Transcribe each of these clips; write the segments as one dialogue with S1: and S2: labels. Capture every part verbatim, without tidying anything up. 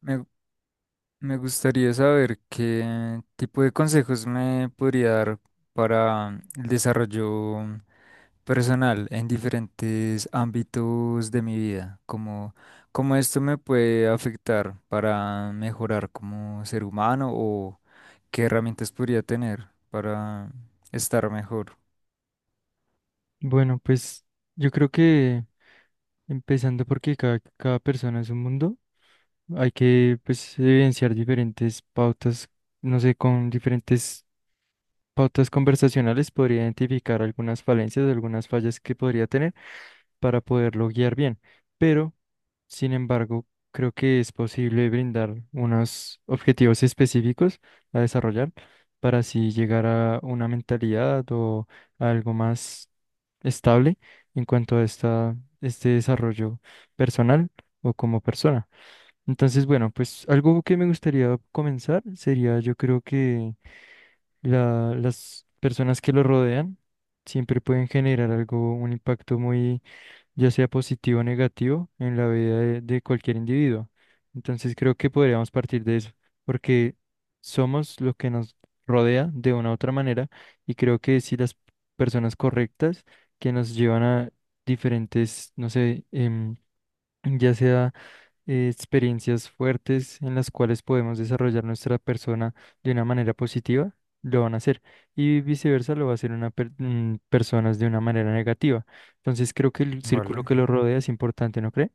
S1: Me, me gustaría saber qué tipo de consejos me podría dar para el desarrollo personal en diferentes ámbitos de mi vida, como cómo esto me puede afectar para mejorar como ser humano o qué herramientas podría tener para estar mejor,
S2: Bueno, pues yo creo que empezando porque cada, cada persona es un mundo, hay que pues evidenciar diferentes pautas, no sé, con diferentes pautas conversacionales podría identificar algunas falencias, algunas fallas que podría tener para poderlo guiar bien. Pero, sin embargo, creo que es posible brindar unos objetivos específicos a desarrollar para así llegar a una mentalidad o a algo más estable en cuanto a esta, este desarrollo personal o como persona. Entonces, bueno, pues algo que me gustaría comenzar sería, yo creo que la- las personas que lo rodean siempre pueden generar algo, un impacto muy, ya sea positivo o negativo, en la vida de, de cualquier individuo. Entonces creo que podríamos partir de eso, porque somos lo que nos rodea de una u otra manera y creo que si las personas correctas que nos llevan a diferentes, no sé, em, ya sea eh, experiencias fuertes en las cuales podemos desarrollar nuestra persona de una manera positiva, lo van a hacer. Y viceversa, lo va a hacer una per- mm, personas de una manera negativa. Entonces, creo que el círculo
S1: ¿vale?
S2: que lo rodea es importante, ¿no cree?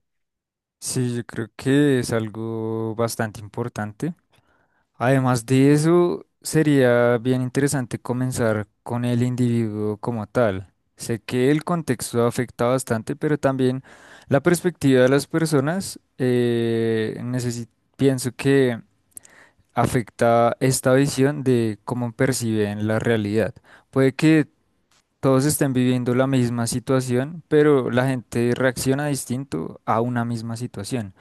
S1: Sí, yo creo que es algo bastante importante. Además de eso, sería bien interesante comenzar con el individuo como tal. Sé que el contexto afecta bastante, pero también la perspectiva de las personas, eh, necesi- pienso que afecta esta visión de cómo perciben la realidad. Puede que todos estén viviendo la misma situación, pero la gente reacciona distinto a una misma situación.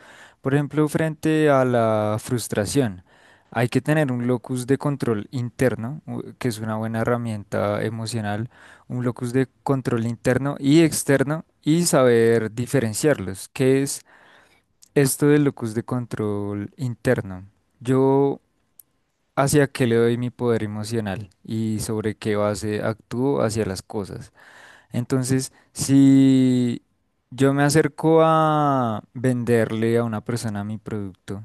S1: Por ejemplo, frente a la frustración, hay que tener un locus de control interno, u- que es una buena herramienta emocional, un locus de control interno y externo y saber diferenciarlos. ¿Qué es esto del locus de control interno? Yo, ¿hacia qué le doy mi poder emocional y sobre qué base actúo hacia las cosas? Entonces, si yo me acerco a venderle a una persona mi producto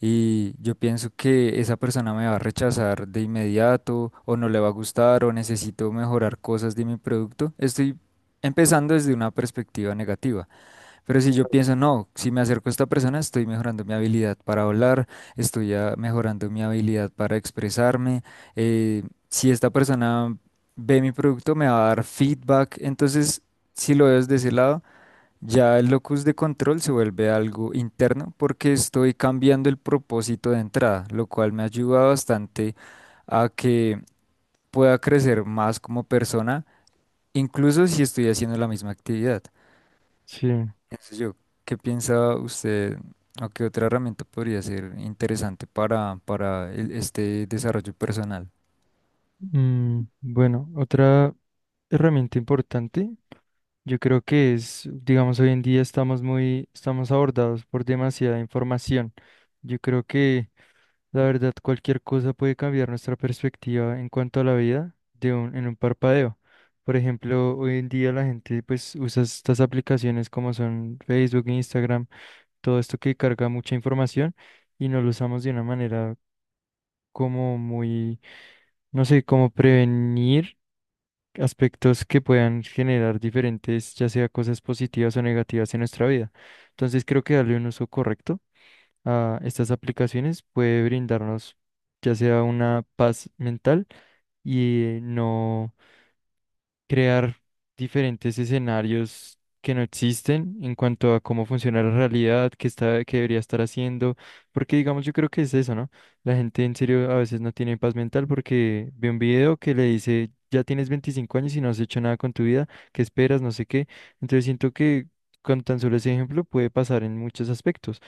S1: y yo pienso que esa persona me va a rechazar de inmediato o no le va a gustar o necesito mejorar cosas de mi producto, estoy empezando desde una perspectiva negativa. Pero si yo pienso, no, si me acerco a esta persona, estoy mejorando mi habilidad para hablar, estoy ah, mejorando mi habilidad para expresarme. eh, si esta persona ve mi producto, me va a dar feedback. Entonces, si lo veo desde ese lado, ya el locus de control se vuelve algo interno porque estoy cambiando el propósito de entrada, lo cual me ayuda bastante a que pueda crecer más como persona, incluso si estoy haciendo la misma actividad,
S2: Sí.
S1: pienso yo. ¿Qué piensa usted o qué otra herramienta podría ser interesante para, para el- este desarrollo personal?
S2: Mm, bueno, otra herramienta importante, yo creo que es, digamos, hoy en día estamos muy, estamos abordados por demasiada información. Yo creo que, la verdad, cualquier cosa puede cambiar nuestra perspectiva en cuanto a la vida de un, en un parpadeo. Por ejemplo, hoy en día la gente pues usa estas aplicaciones como son Facebook, Instagram, todo esto que carga mucha información y nos lo usamos de una manera como muy, no sé, como prevenir aspectos que puedan generar diferentes, ya sea cosas positivas o negativas en nuestra vida. Entonces creo que darle un uso correcto a estas aplicaciones puede brindarnos ya sea una paz mental y no crear diferentes escenarios que no existen en cuanto a cómo funciona la realidad, qué está, qué debería estar haciendo, porque digamos yo creo que es eso, ¿no? La gente en serio a veces no tiene paz mental porque ve un video que le dice, ya tienes veinticinco años y no has hecho nada con tu vida, ¿qué esperas? No sé qué. Entonces siento que con tan solo ese ejemplo puede pasar en muchos aspectos: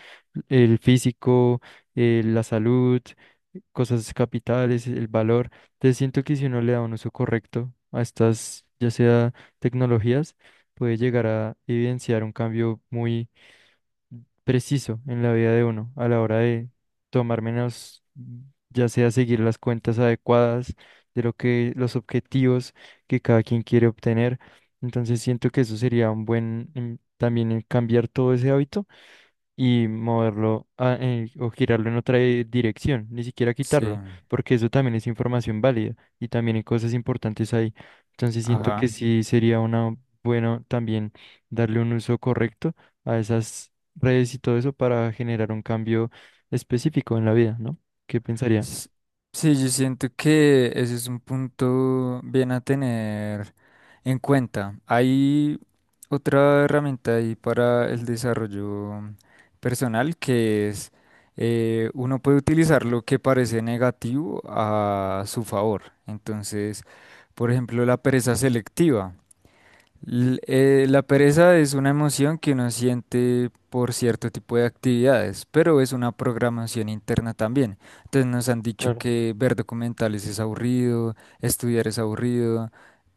S2: el físico, eh, la salud, cosas capitales, el valor. Entonces siento que si uno le da un uso correcto a estas, ya sea, tecnologías, puede llegar a evidenciar un cambio muy preciso en la vida de uno a la hora de tomar menos, ya sea seguir las cuentas adecuadas de lo que los objetivos que cada quien quiere obtener. Entonces siento que eso sería un buen em, también en cambiar todo ese hábito y moverlo a- eh, o girarlo en otra di- dirección, ni siquiera
S1: Sí,
S2: quitarlo, porque eso también es información válida y también hay cosas importantes ahí. Entonces siento que
S1: ajá.
S2: sí sería una, bueno, también darle un uso correcto a esas redes y todo eso para generar un cambio específico en la vida, ¿no? ¿Qué pensaría?
S1: S- Sí, yo siento que ese es un punto bien a tener en cuenta. Hay otra herramienta ahí para el desarrollo personal, que es eh, uno puede utilizar lo que parece negativo a su favor. Entonces, por ejemplo, la pereza selectiva. L- eh, la pereza es una emoción que uno siente por cierto tipo de actividades, pero es una programación interna también. Entonces nos han dicho
S2: Claro.
S1: que ver documentales es aburrido, estudiar es aburrido,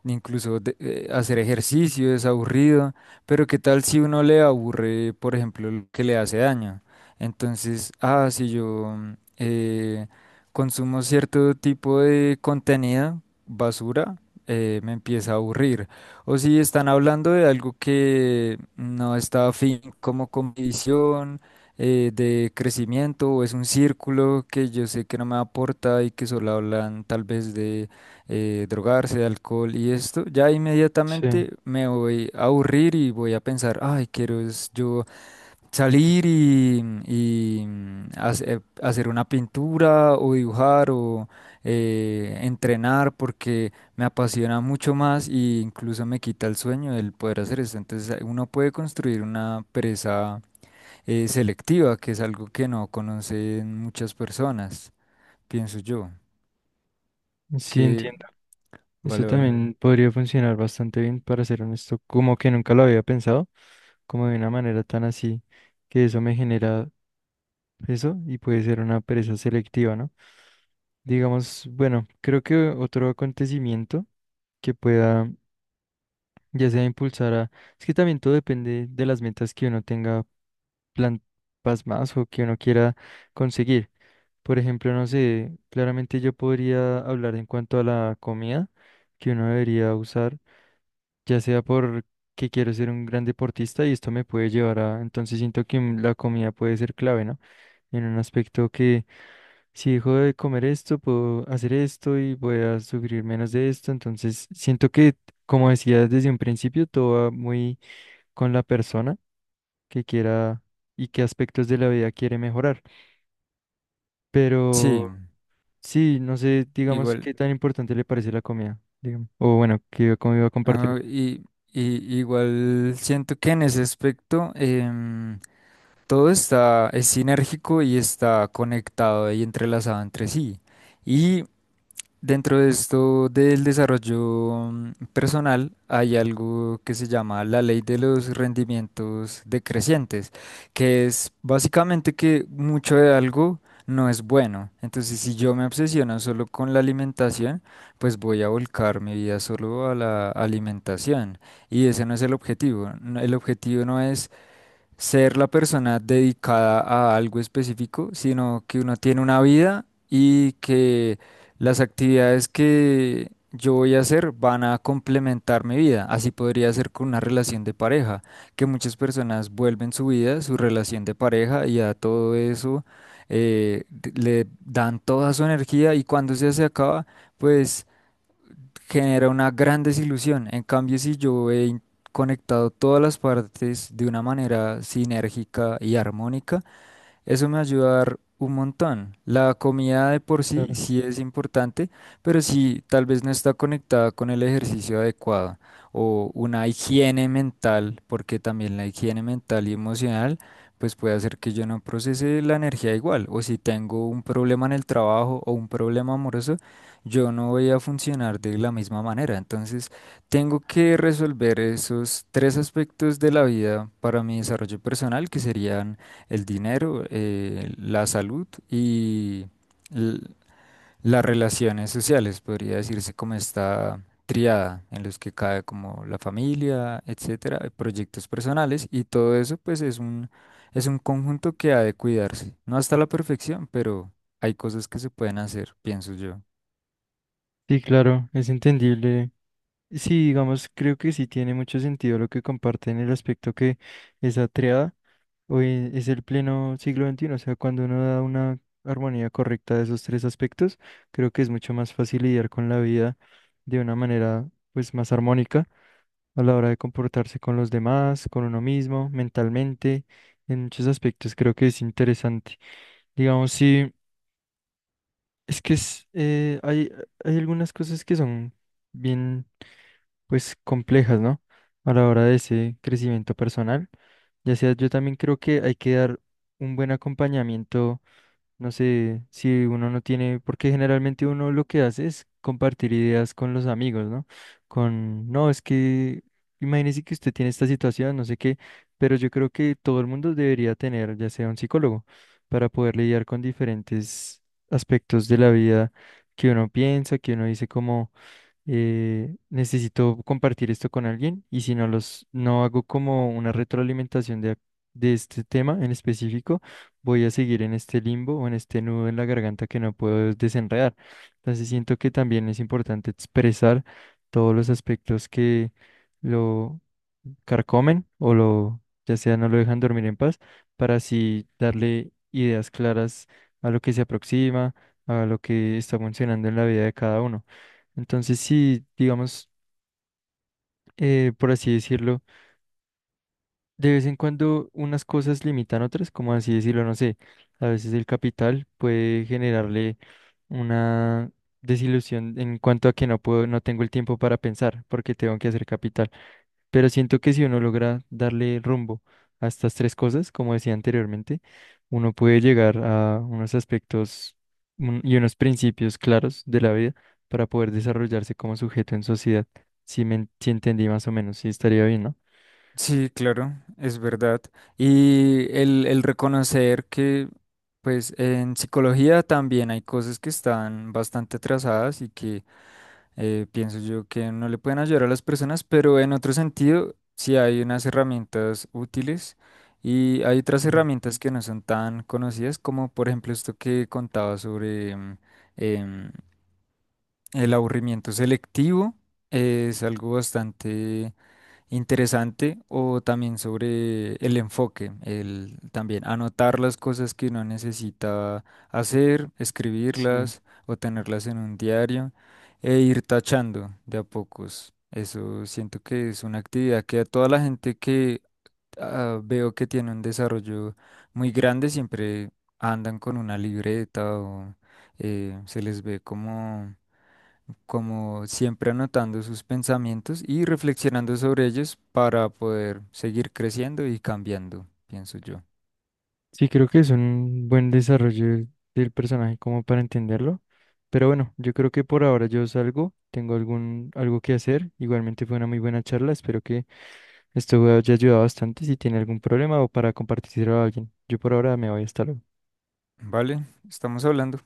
S1: incluso de- eh, hacer ejercicio es aburrido, pero ¿qué tal si uno le aburre, por ejemplo, lo que le hace daño? Entonces, ah, si yo mm, eh, consumo cierto tipo de contenido, basura, eh, me empieza a aburrir. O si están hablando de algo que no está afín como con mi visión eh, de crecimiento, o es un círculo que yo sé que no me aporta y que solo hablan tal vez de eh, drogarse, de alcohol y esto, ya
S2: Sí,
S1: inmediatamente me voy a aburrir y voy a pensar, ay, quiero es yo salir y, y, mm, hace- eh, hacer una pintura o dibujar o eh, entrenar porque me apasiona mucho más e incluso me quita el sueño el poder hacer esto. Entonces eh, uno puede construir una pereza eh, selectiva, que es algo que no conocen muchas personas, pienso yo.
S2: sí
S1: Que
S2: entiendo. Eso
S1: vale, vale.
S2: también podría funcionar bastante bien, para ser honesto, como que nunca lo había pensado, como de una manera tan así, que eso me genera eso y puede ser una pereza selectiva, ¿no? Digamos, bueno, creo que otro acontecimiento que pueda ya sea impulsar a. Es que también todo depende de las metas que uno tenga plan, pasmadas, o que uno quiera conseguir. Por ejemplo, no sé, claramente yo podría hablar en cuanto a la comida que uno debería usar ya sea por que quiero ser un gran deportista y esto me puede llevar a, entonces siento que mm, la comida puede ser clave, ¿no? En un aspecto que si dejo de comer esto, puedo hacer esto y voy a sufrir menos de esto. Entonces siento que, como decía desde un principio, todo va muy con la persona que quiera y qué aspectos de la vida quiere mejorar,
S1: Sí,
S2: pero sí, no sé, digamos,
S1: igual.
S2: qué tan importante le parece la comida, digamos, o bueno, que cómo iba a compartir.
S1: ah, y, y igual siento que en ese aspecto... em, todo está, es sinérgico y está conectado y entrelazado entre sí. Y dentro de esto del desarrollo mm, personal hay algo que se llama la ley de los rendimientos decrecientes, que es básicamente que mucho de algo no es bueno. Entonces, si yo me obsesiono solo con la alimentación, pues voy a volcar mi vida solo a la alimentación. Y ese no es el objetivo. No- El objetivo no es ser la persona dedicada a algo específico, sino que uno tiene una vida y que las actividades que yo voy a hacer van a complementar mi vida. Así podría ser con una relación de pareja, que muchas personas vuelven su vida, su relación de pareja y a todo eso eh, d- le dan toda su energía, y cuando se se acaba, pues genera una gran desilusión. En cambio, si yo he in- conectado todas las partes de una manera sinérgica y armónica, eso me va a ayudar un montón. La comida de por sí
S2: Claro.
S1: sí es importante, pero sí tal vez no está conectada con el ejercicio adecuado o una higiene mental, porque también la higiene mental y emocional pues puede hacer que yo no procese la energía igual, o si tengo un problema en el trabajo o un problema amoroso, yo no voy a funcionar de la misma manera. Entonces, tengo que resolver esos tres aspectos de la vida para mi desarrollo personal, que serían el dinero, eh, la salud y l- las relaciones sociales, podría decirse como esta triada en los que cae como la familia, etcétera, eh, proyectos personales, y todo eso pues es un es un conjunto que ha de cuidarse. No hasta la perfección, pero hay cosas que se pueden hacer, pienso yo.
S2: Sí, claro, es entendible. Sí, digamos, creo que sí tiene mucho sentido lo que comparte en el aspecto que esa triada, hoy es el pleno siglo veintiuno, o sea, cuando uno da una armonía correcta de esos tres aspectos, creo que es mucho más fácil lidiar con la vida de una manera pues más armónica a la hora de comportarse con los demás, con uno mismo, mentalmente; en muchos aspectos creo que es interesante. Digamos, sí. Es que es, eh, hay, hay algunas cosas que son bien, pues, complejas, ¿no? A la hora de ese crecimiento personal. Ya sea, yo también creo que hay que dar un buen acompañamiento. No sé si uno no tiene, porque generalmente uno lo que hace es compartir ideas con los amigos, ¿no? Con, no, es que imagínese que usted tiene esta situación, no sé qué, pero yo creo que todo el mundo debería tener, ya sea, un psicólogo, para poder lidiar con diferentes aspectos de la vida que uno piensa, que uno dice como eh, necesito compartir esto con alguien, y si no los, no hago como una retroalimentación de, de este tema en específico, voy a seguir en este limbo o en este nudo en la garganta que no puedo desenredar. Entonces siento que también es importante expresar todos los aspectos que lo carcomen o lo, ya sea, no lo dejan dormir en paz, para así darle ideas claras a lo que se aproxima, a lo que está funcionando en la vida de cada uno. Entonces, sí, digamos, eh, por así decirlo, de vez en cuando unas cosas limitan otras, como así decirlo, no sé, a veces el capital puede generarle una desilusión en cuanto a que no puedo, no tengo el tiempo para pensar porque tengo que hacer capital. Pero siento que si uno logra darle rumbo a estas tres cosas, como decía anteriormente, uno puede llegar a unos aspectos un- y unos principios claros de la vida para poder desarrollarse como sujeto en sociedad. Si me en- si entendí más o menos, sí estaría bien, ¿no?
S1: Sí, claro, es verdad. Y el, el reconocer que, pues, en psicología también hay cosas que están bastante atrasadas y que eh, pienso yo que no le pueden ayudar a las personas, pero en otro sentido, sí hay unas herramientas útiles, y hay otras
S2: Mm.
S1: herramientas que no son tan conocidas, como por ejemplo esto que contaba sobre em, em, el aburrimiento selectivo. Eh, es algo bastante interesante. O también sobre el enfoque, el también anotar las cosas que uno necesita hacer,
S2: Sí.
S1: escribirlas o tenerlas en un diario, e ir tachando de a pocos. Eso siento que es una actividad que a toda la gente que ah, veo que tiene un desarrollo muy grande, siempre andan con una libreta o eh, se les ve como como siempre anotando sus pensamientos y reflexionando sobre ellos para poder seguir creciendo y cambiando, pienso yo.
S2: Sí, creo que es un buen desarrollo del del personaje como para entenderlo. Pero bueno, yo creo que por ahora yo salgo, tengo algún, algo que hacer. Igualmente fue una muy buena charla, espero que. Este juego ya ayuda bastante si tiene algún problema o para compartirlo a alguien. Yo por ahora me voy, hasta luego.
S1: ¿Vale? Estamos hablando.